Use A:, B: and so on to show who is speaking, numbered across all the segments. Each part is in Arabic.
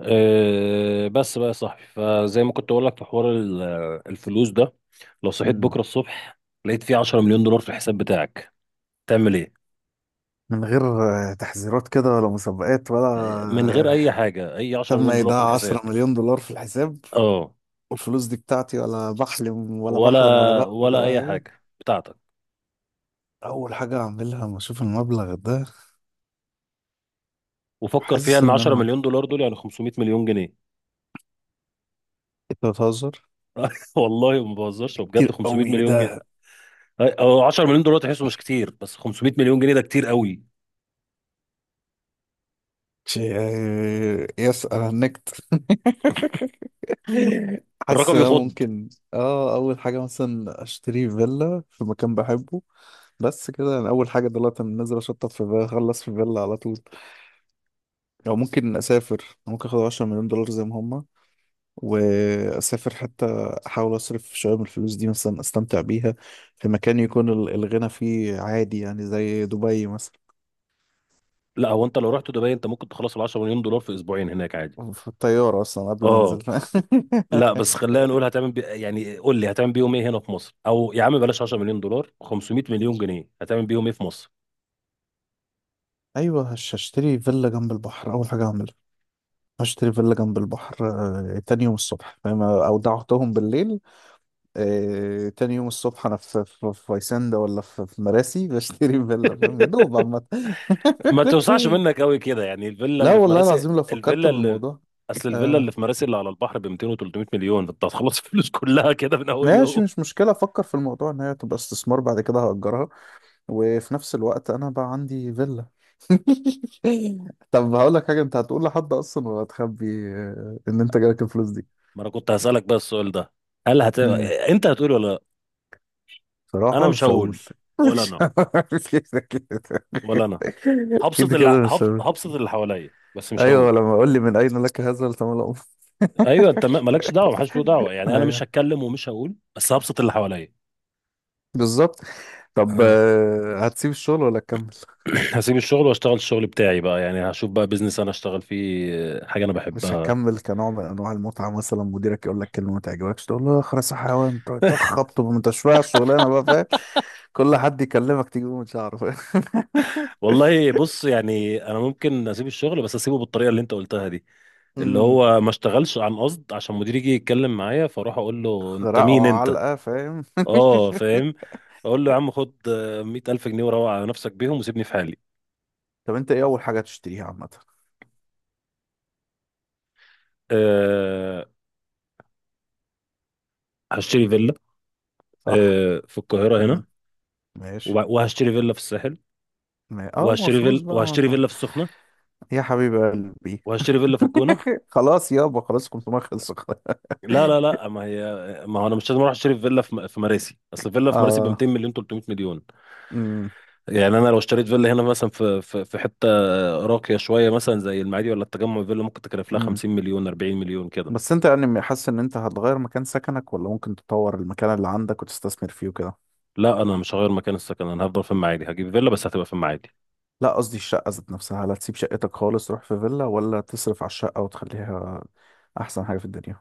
A: بس بقى يا صاحبي فزي ما كنت اقول لك في حوار الفلوس ده. لو صحيت
B: مم.
A: بكره الصبح لقيت فيه 10 مليون دولار في الحساب بتاعك تعمل ايه؟
B: من غير تحذيرات كده ولا مسابقات ولا
A: من غير اي
B: آه،
A: حاجه، اي 10
B: تم
A: مليون دولار في
B: ايداع
A: الحساب.
B: 10 مليون دولار في الحساب.
A: اه
B: والفلوس دي بتاعتي، ولا بحلم ولا
A: ولا
B: بحلم ولا بعمل
A: ولا
B: ولا
A: اي
B: حاجه؟
A: حاجه بتاعتك.
B: اول حاجه اعملها لما اشوف المبلغ ده،
A: وفكر فيها
B: حاسس
A: ان
B: ان
A: 10
B: انا،
A: مليون دولار دول يعني 500 مليون جنيه.
B: انت بتهزر؟
A: والله ما بهزرش، وبجد
B: كتير
A: 500
B: قوي، ايه
A: مليون جنيه.
B: ده!
A: او 10 مليون دولار تحسه مش كتير، بس 500 مليون جنيه ده كتير قوي.
B: يس، انا هنكت. حاسس
A: الرقم
B: ان انا
A: يخض.
B: ممكن، اول حاجه مثلا اشتري فيلا في مكان بحبه. بس كده، انا اول حاجه دلوقتي انا نازل اشطب في فيلا، اخلص في فيلا على طول. او ممكن اسافر، ممكن اخد 10 مليون دولار زي ما هما واسافر حتى، احاول اصرف شويه من الفلوس دي مثلا، استمتع بيها في مكان يكون الغنى فيه عادي، يعني زي دبي مثلا.
A: لا، هو انت لو رحت دبي انت ممكن تخلص ال 10 مليون دولار في اسبوعين هناك عادي.
B: في الطياره اصلا قبل ما
A: اه
B: انزل.
A: لا، بس خلينا نقول هتعمل يعني قول لي هتعمل بيهم ايه هنا في مصر، او يا عم بلاش 10 مليون دولار، 500 مليون جنيه هتعمل بيهم ايه في مصر؟
B: ايوه، هشتري فيلا جنب البحر اول حاجه اعملها. هشتري فيلا جنب البحر. تاني يوم الصبح فاهم، اودعتهم بالليل. تاني يوم الصبح انا في فيسندا، ولا في مراسي بشتري فيلا، فاهم يا دوب عامة.
A: ما توسعش منك قوي كده، يعني الفيلا
B: لا
A: اللي في
B: والله
A: مراسي
B: العظيم، لو فكرت
A: الفيلا اللي
B: بالموضوع.
A: اصل الفيلا اللي
B: آه
A: في مراسي اللي على البحر ب 200 و300 مليون، انت هتخلص الفلوس كلها كده من اول يوم.
B: ماشي، مش مشكلة. أفكر في الموضوع إن هي تبقى استثمار، بعد كده هأجرها، وفي نفس الوقت أنا بقى عندي فيلا. طب هقول لك حاجة، أنت هتقول لحد أصلا ولا هتخبي إن أنت جالك الفلوس دي؟
A: ما انا كنت هسألك بقى السؤال ده، هل هت...
B: مم.
A: انت هتقول ولا لا؟ انا
B: صراحة
A: مش
B: مش هقول.
A: هقول. ولا
B: مش
A: انا
B: هقول كده كده.
A: ولا انا، هبسط
B: كده
A: اللي
B: كده مش هقول.
A: هبسط اللي حواليا بس مش
B: أيوه،
A: هقول.
B: لما أقول لي من أين لك هذا التملؤ.
A: ايوه، انت مالكش دعوه، محدش له دعوه، يعني انا مش
B: أيوه،
A: هتكلم ومش هقول بس هبسط اللي حواليا.
B: بالظبط. طب
A: اه
B: هتسيب الشغل ولا تكمل؟
A: هسيب الشغل واشتغل الشغل بتاعي بقى، يعني هشوف بقى بيزنس انا اشتغل فيه، حاجه انا
B: مش
A: بحبها.
B: هتكمل كنوع من انواع المتعه؟ مثلا مديرك يقول لك كلمه ما تعجبكش، تقول له اخرس يا حيوان، تقعد تخبط وانت شويه على الشغلانه بقى، فاهم. كل حد يكلمك تجيبه من شعره، فاهم.
A: والله بص، يعني انا ممكن اسيب الشغل بس اسيبه بالطريقه اللي انت قلتها دي، اللي
B: أمم،
A: هو ما اشتغلش عن قصد عشان مديري يجي يتكلم معايا فاروح اقول له انت
B: خرقه
A: مين انت.
B: علقه، فاهم.
A: اه، فاهم. اقول له يا عم خد 100 ألف جنيه وروح على نفسك بيهم وسيبني في حالي.
B: طب انت ايه اول حاجه تشتريها عامه؟
A: أه، هشتري فيلا.
B: صح.
A: أه، في القاهرة
B: امم.
A: هنا.
B: ماشي.
A: وهشتري فيلا في الساحل.
B: ما فلوس بقى.
A: وهشتري
B: ما-
A: فيلا في السخنه.
B: يا حبيب قلبي!
A: وهشتري فيلا في الجونه.
B: خلاص يابا، خلاص كنت ما خلص خلاص.
A: لا لا لا، ما هي ما هو انا مش لازم اروح اشتري فيلا في في مراسي، اصل فيلا في مراسي ب
B: اه.
A: 200 مليون 300 مليون.
B: امم،
A: يعني انا لو اشتريت فيلا هنا مثلا في حته راقيه شويه مثلا زي المعادي ولا التجمع، فيلا ممكن تكلف لها
B: امم.
A: 50 مليون 40 مليون كده.
B: بس انت يعني حاسس ان انت هتغير مكان سكنك، ولا ممكن تطور المكان اللي عندك وتستثمر فيه وكده؟
A: لا، انا مش هغير مكان السكن، انا هفضل في المعادي، هجيب فيلا بس هتبقى في المعادي.
B: لا، قصدي الشقة ذات نفسها. هل هتسيب شقتك خالص تروح في فيلا، ولا تصرف على الشقة وتخليها أحسن حاجة في الدنيا؟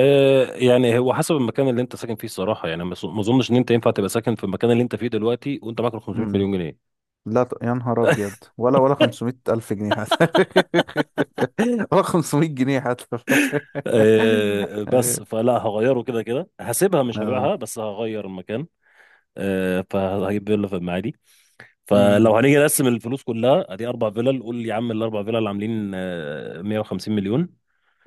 A: يعني هو حسب المكان اللي انت ساكن فيه الصراحه، يعني ما اظنش ان انت ينفع تبقى ساكن في المكان اللي انت فيه دلوقتي وانت معاك 500
B: امم.
A: مليون جنيه.
B: لا يا نهار أبيض، ولا 500 ألف جنيه حتى. ولا 500 جنيه حتى.
A: بس
B: أيوة.
A: فلا هغيره كده كده، هسيبها مش
B: اه.
A: هبيعها بس هغير المكان. فهجيب فيلا في المعادي.
B: امم.
A: فلو هنيجي نقسم الفلوس كلها ادي اربع فيلل، قول يا عم الاربع فيلل عاملين 150 مليون،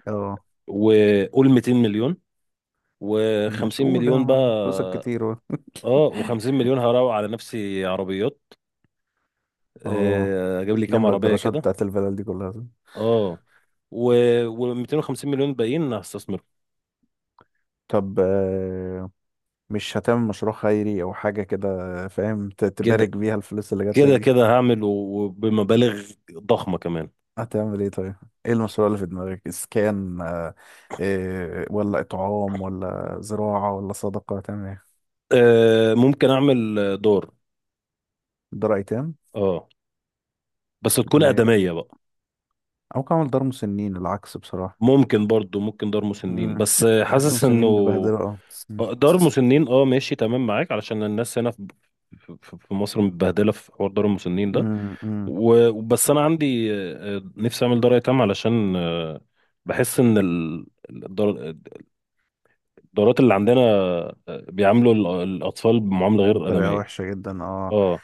B: اه.
A: وقول 200 مليون
B: مش
A: و50 مليون
B: أولى، فلوسك
A: بقى.
B: كتير.
A: اه، و50 مليون هروق على نفسي عربيات،
B: اه،
A: اجيب لي كام
B: نملى
A: عربيه
B: الجراشات
A: كده.
B: بتاعت الفلل دي كلها.
A: اه و و250 مليون باقيين هستثمر.
B: طب مش هتعمل مشروع خيري أو حاجة كده؟ فاهم، تبارك
A: كده
B: بيها الفلوس اللي جاتلك.
A: كده كده، هعمل وبمبالغ ضخمه كمان.
B: هتعمل ايه طيب؟ ايه المشروع اللي في دماغك؟ اسكان، إيه، ولا اطعام، ولا زراعة، ولا صدقة؟ هتعمل ايه؟
A: ممكن اعمل دار.
B: دار ايتام؟
A: اه، بس تكون
B: م-
A: آدمية بقى.
B: او كعمل دار مسنين، العكس بصراحة.
A: ممكن برضو، ممكن دار مسنين،
B: امم.
A: بس
B: حاسس
A: حاسس انه
B: المسنين بيبهدلوا، اه. مم.
A: دار مسنين. اه، ماشي تمام معاك علشان الناس هنا في مصر متبهدلة في حوار دار المسنين ده.
B: امم، امم.
A: وبس انا عندي نفسي اعمل دار ايتام علشان بحس ان الدارات اللي عندنا بيعاملوا الاطفال بمعاملة غير
B: بطريقة
A: آدمية.
B: وحشة جدا، اه.
A: اه،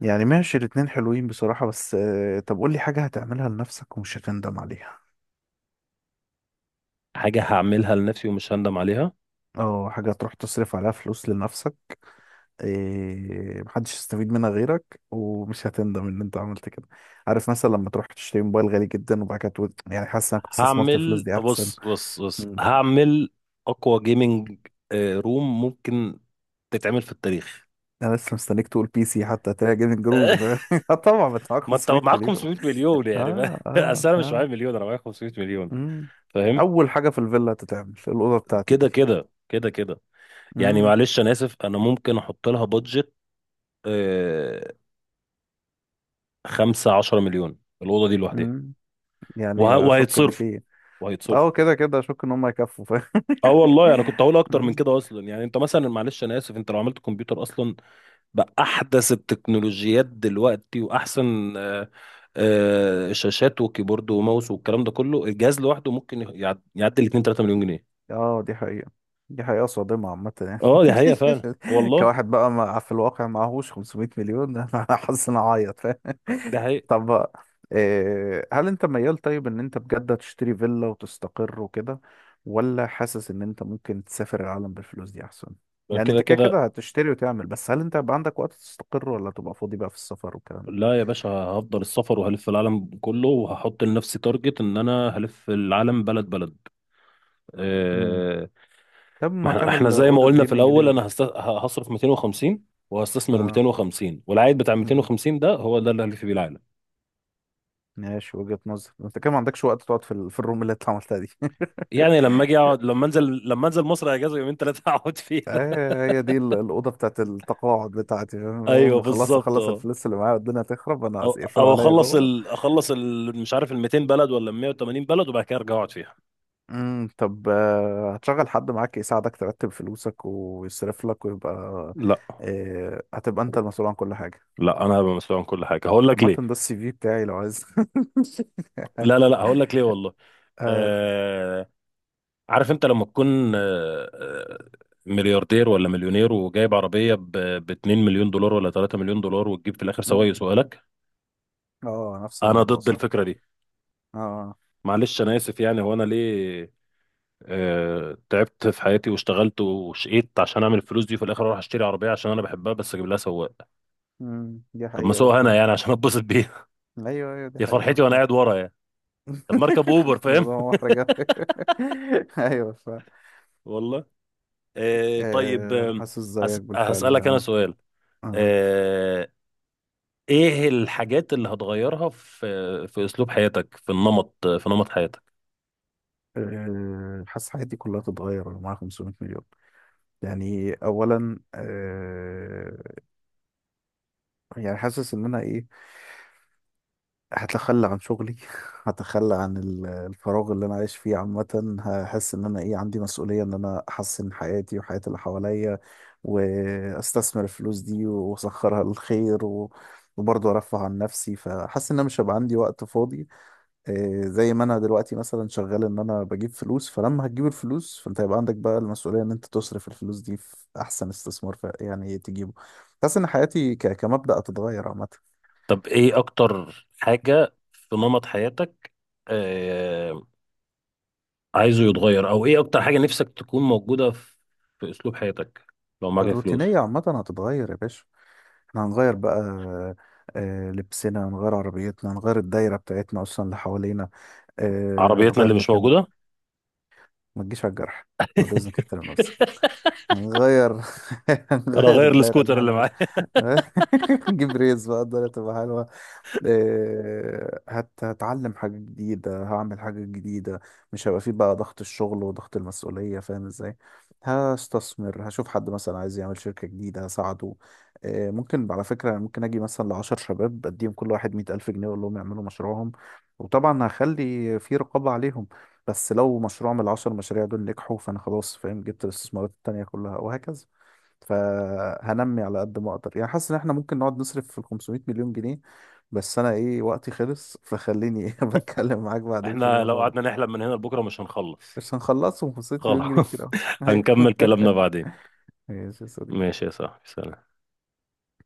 B: يعني ماشي، الاتنين حلوين بصراحة، بس طب قول لي حاجة هتعملها لنفسك ومش هتندم عليها.
A: حاجة هعملها لنفسي ومش هندم عليها.
B: اه، حاجة تروح تصرف عليها فلوس لنفسك، إيه، محدش يستفيد منها غيرك ومش هتندم ان انت عملت كده. عارف مثلا لما تروح تشتري موبايل غالي جدا، وبعد كده تقول، يعني حاسس انك كنت استثمرت الفلوس
A: هعمل،
B: دي احسن.
A: بص بص بص،
B: مم.
A: هعمل اقوى جيمنج روم ممكن تتعمل في التاريخ.
B: انا لسه مستنيك تقول بي سي، حتى تلاقي جيمنج روم. آه طبعا، بدفعك
A: ما انت
B: 500
A: معاك
B: مليون.
A: 500 مليون يعني
B: اه، اه،
A: اصل انا مش
B: اه.
A: معايا مليون، انا معايا 500 مليون
B: مم.
A: فاهم.
B: اول حاجة في الفيلا تتعمل الأوضة بتاعتي دي.
A: كده كده كده كده، يعني
B: مم.
A: معلش انا اسف، انا ممكن احط لها بادجت آه، 5 10 مليون الاوضه دي لوحدها.
B: مم. يعني اشك ان
A: وهيتصرف
B: في.
A: وهيتصرف.
B: اه، كده كده اشك ان هم يكفوا.
A: اه والله انا كنت هقول اكتر من
B: فاهم،
A: كده اصلا، يعني انت مثلا معلش انا اسف، انت لو عملت كمبيوتر اصلا بأحدث التكنولوجيات دلوقتي وأحسن شاشات وكيبورد وماوس والكلام ده كله، الجهاز لوحده ممكن يعدي ال 2 3 مليون جنيه.
B: اه دي حقيقة. دي حقيقة صادمة عامة
A: اه،
B: يعني.
A: دي حقيقة فعلا والله.
B: كواحد بقى، ما في الواقع معهوش 500 مليون. انا حاسس ان اعيط، فاهم.
A: ده حقيقة.
B: طب بقى، إيه، هل انت ميال طيب ان انت بجد تشتري فيلا وتستقر وكده، ولا حاسس ان انت ممكن تسافر العالم بالفلوس دي احسن؟ يعني
A: كده
B: انت كده
A: كده،
B: كده هتشتري وتعمل، بس هل انت هيبقى عندك وقت تستقر، ولا تبقى فاضي بقى في السفر والكلام ده؟
A: لا يا باشا، هفضل السفر وهلف العالم كله، وهحط لنفسي تارجت ان انا هلف العالم بلد بلد.
B: امم.
A: آه،
B: طب
A: ما
B: ما
A: احنا
B: تعمل
A: زي ما
B: اوضة
A: قلنا في
B: جيمنج ليه
A: الاول،
B: بقى؟
A: انا هصرف 250 وهستثمر 250 والعائد بتاع
B: اه،
A: 250 ده هو ده اللي هلف بيه العالم.
B: ماشي وجهة نظر. انت كده ما عندكش وقت تقعد في في الروم اللي انت عملتها دي.
A: يعني لما اجي اقعد لما انزل لما انزل مصر اجازه يومين ثلاثه اقعد فيها.
B: هي دي الأوضة بتاعت التقاعد بتاعتي، فاهم؟ أول
A: ايوه
B: ما أخلص،
A: بالظبط،
B: أخلص
A: اه.
B: الفلوس اللي معايا، والدنيا تخرب أنا
A: او
B: يقفلوا
A: او
B: عليا جوه.
A: اخلص ال... مش عارف ال 200 بلد ولا ال 180 بلد، وبعد كده ارجع اقعد فيها.
B: امم. طب هتشغل حد معاك يساعدك ترتب فلوسك ويصرف لك ويبقى،
A: لا
B: هتبقى أنت المسؤول عن كل حاجة؟
A: لا، انا هبقى مسؤول عن كل حاجه هقول لك
B: عامة
A: ليه.
B: ده السي في بتاعي لو عايز.
A: لا لا لا، هقول لك ليه والله.
B: اه.
A: آه... عارف، انت لما تكون ملياردير ولا مليونير وجايب عربيه ب 2 مليون دولار ولا 3 مليون دولار، وتجيب في الاخر سواق
B: مم.
A: يسوقها لك.
B: نفس
A: انا
B: الموضوع،
A: ضد
B: صح.
A: الفكره دي.
B: اه.
A: معلش انا اسف، يعني هو انا ليه تعبت في حياتي واشتغلت وشقيت عشان اعمل الفلوس دي، وفي الاخر اروح اشتري عربيه عشان انا بحبها بس اجيب لها سواق؟
B: دي
A: طب ما
B: حقيقة،
A: اسوقها انا
B: فاهم.
A: يعني عشان اتبسط بيها.
B: أيوه، أيوه، دي
A: يا
B: حقيقة،
A: فرحتي وانا
B: فاهم.
A: قاعد ورا يعني، طب ما اركب اوبر فاهم.
B: الموضوع محرج أوي. ايوه فعلا.
A: والله. طيب
B: انا حاسس زيك بالفعل يا
A: هسالك انا
B: مصر.
A: سؤال،
B: آه،
A: آه، ايه الحاجات اللي هتغيرها في اسلوب حياتك، في نمط حياتك؟
B: حاسس حياتي كلها تتغير لو معايا 500 مليون. يعني اولا يعني حاسس ان انا ايه، هتخلى عن شغلي، هتخلى عن الفراغ اللي انا عايش فيه عامة، هحس ان انا ايه، عندي مسؤولية ان انا احسن حياتي وحياة اللي حواليا، واستثمر الفلوس دي واسخرها للخير وبرضه ارفه عن نفسي، فحاسس ان انا مش هيبقى عندي وقت فاضي. زي ما انا دلوقتي مثلا شغال ان انا بجيب فلوس، فلما هتجيب الفلوس فانت هيبقى عندك بقى المسؤولية ان انت تصرف الفلوس دي في احسن استثمار، يعني تجيبه. حاسس ان حياتي كمبدأ هتتغير عامة.
A: طب ايه اكتر حاجه في نمط حياتك آه، عايزه يتغير، او ايه اكتر حاجه نفسك تكون موجوده في في اسلوب حياتك لو معاك الفلوس؟
B: الروتينية عامة هتتغير يا باشا. احنا هنغير بقى، لبسنا هنغير، عربيتنا هنغير، الدايرة بتاعتنا أصلا اللي حوالينا،
A: عربيتنا
B: هتغير
A: اللي مش
B: مكان.
A: موجوده.
B: ما تجيش على الجرح، بعد إذنك احترم نفسك. هنغير
A: انا
B: هنغير
A: اغير
B: الدايرة اللي
A: السكوتر اللي
B: احنا
A: معايا.
B: فيها. نجيب ريز بقى، الدايرة تبقى حلوة. هتعلم حاجة جديدة، هعمل حاجة جديدة، مش هيبقى فيه بقى ضغط الشغل وضغط المسؤولية، فاهم ازاي. هستثمر، هشوف حد مثلا عايز يعمل شركة جديدة هساعده. ممكن على فكرة، يعني ممكن أجي مثلا ل10 شباب أديهم كل واحد 100 ألف جنيه، وأقول لهم يعملوا مشروعهم، وطبعا هخلي في رقابة عليهم. بس لو مشروع من ال10 مشاريع دول نجحوا فأنا خلاص، فاهم، جبت الاستثمارات التانية كلها وهكذا. فهنمي على قد ما أقدر، يعني حاسس إن احنا ممكن نقعد نصرف في ال 500 مليون جنيه، بس انا ايه وقتي خلص، فخليني إيه بتكلم معاك بعدين في
A: احنا لو
B: الموضوع ده.
A: قعدنا نحلم من هنا لبكره مش هنخلص.
B: مش هنخلصه، وخسرت مليون جنيه كتير
A: خلاص.
B: قوي. ايوه.
A: هنكمل كلامنا بعدين.
B: ماشي يا صديقي.
A: ماشي يا صاحبي، سلام.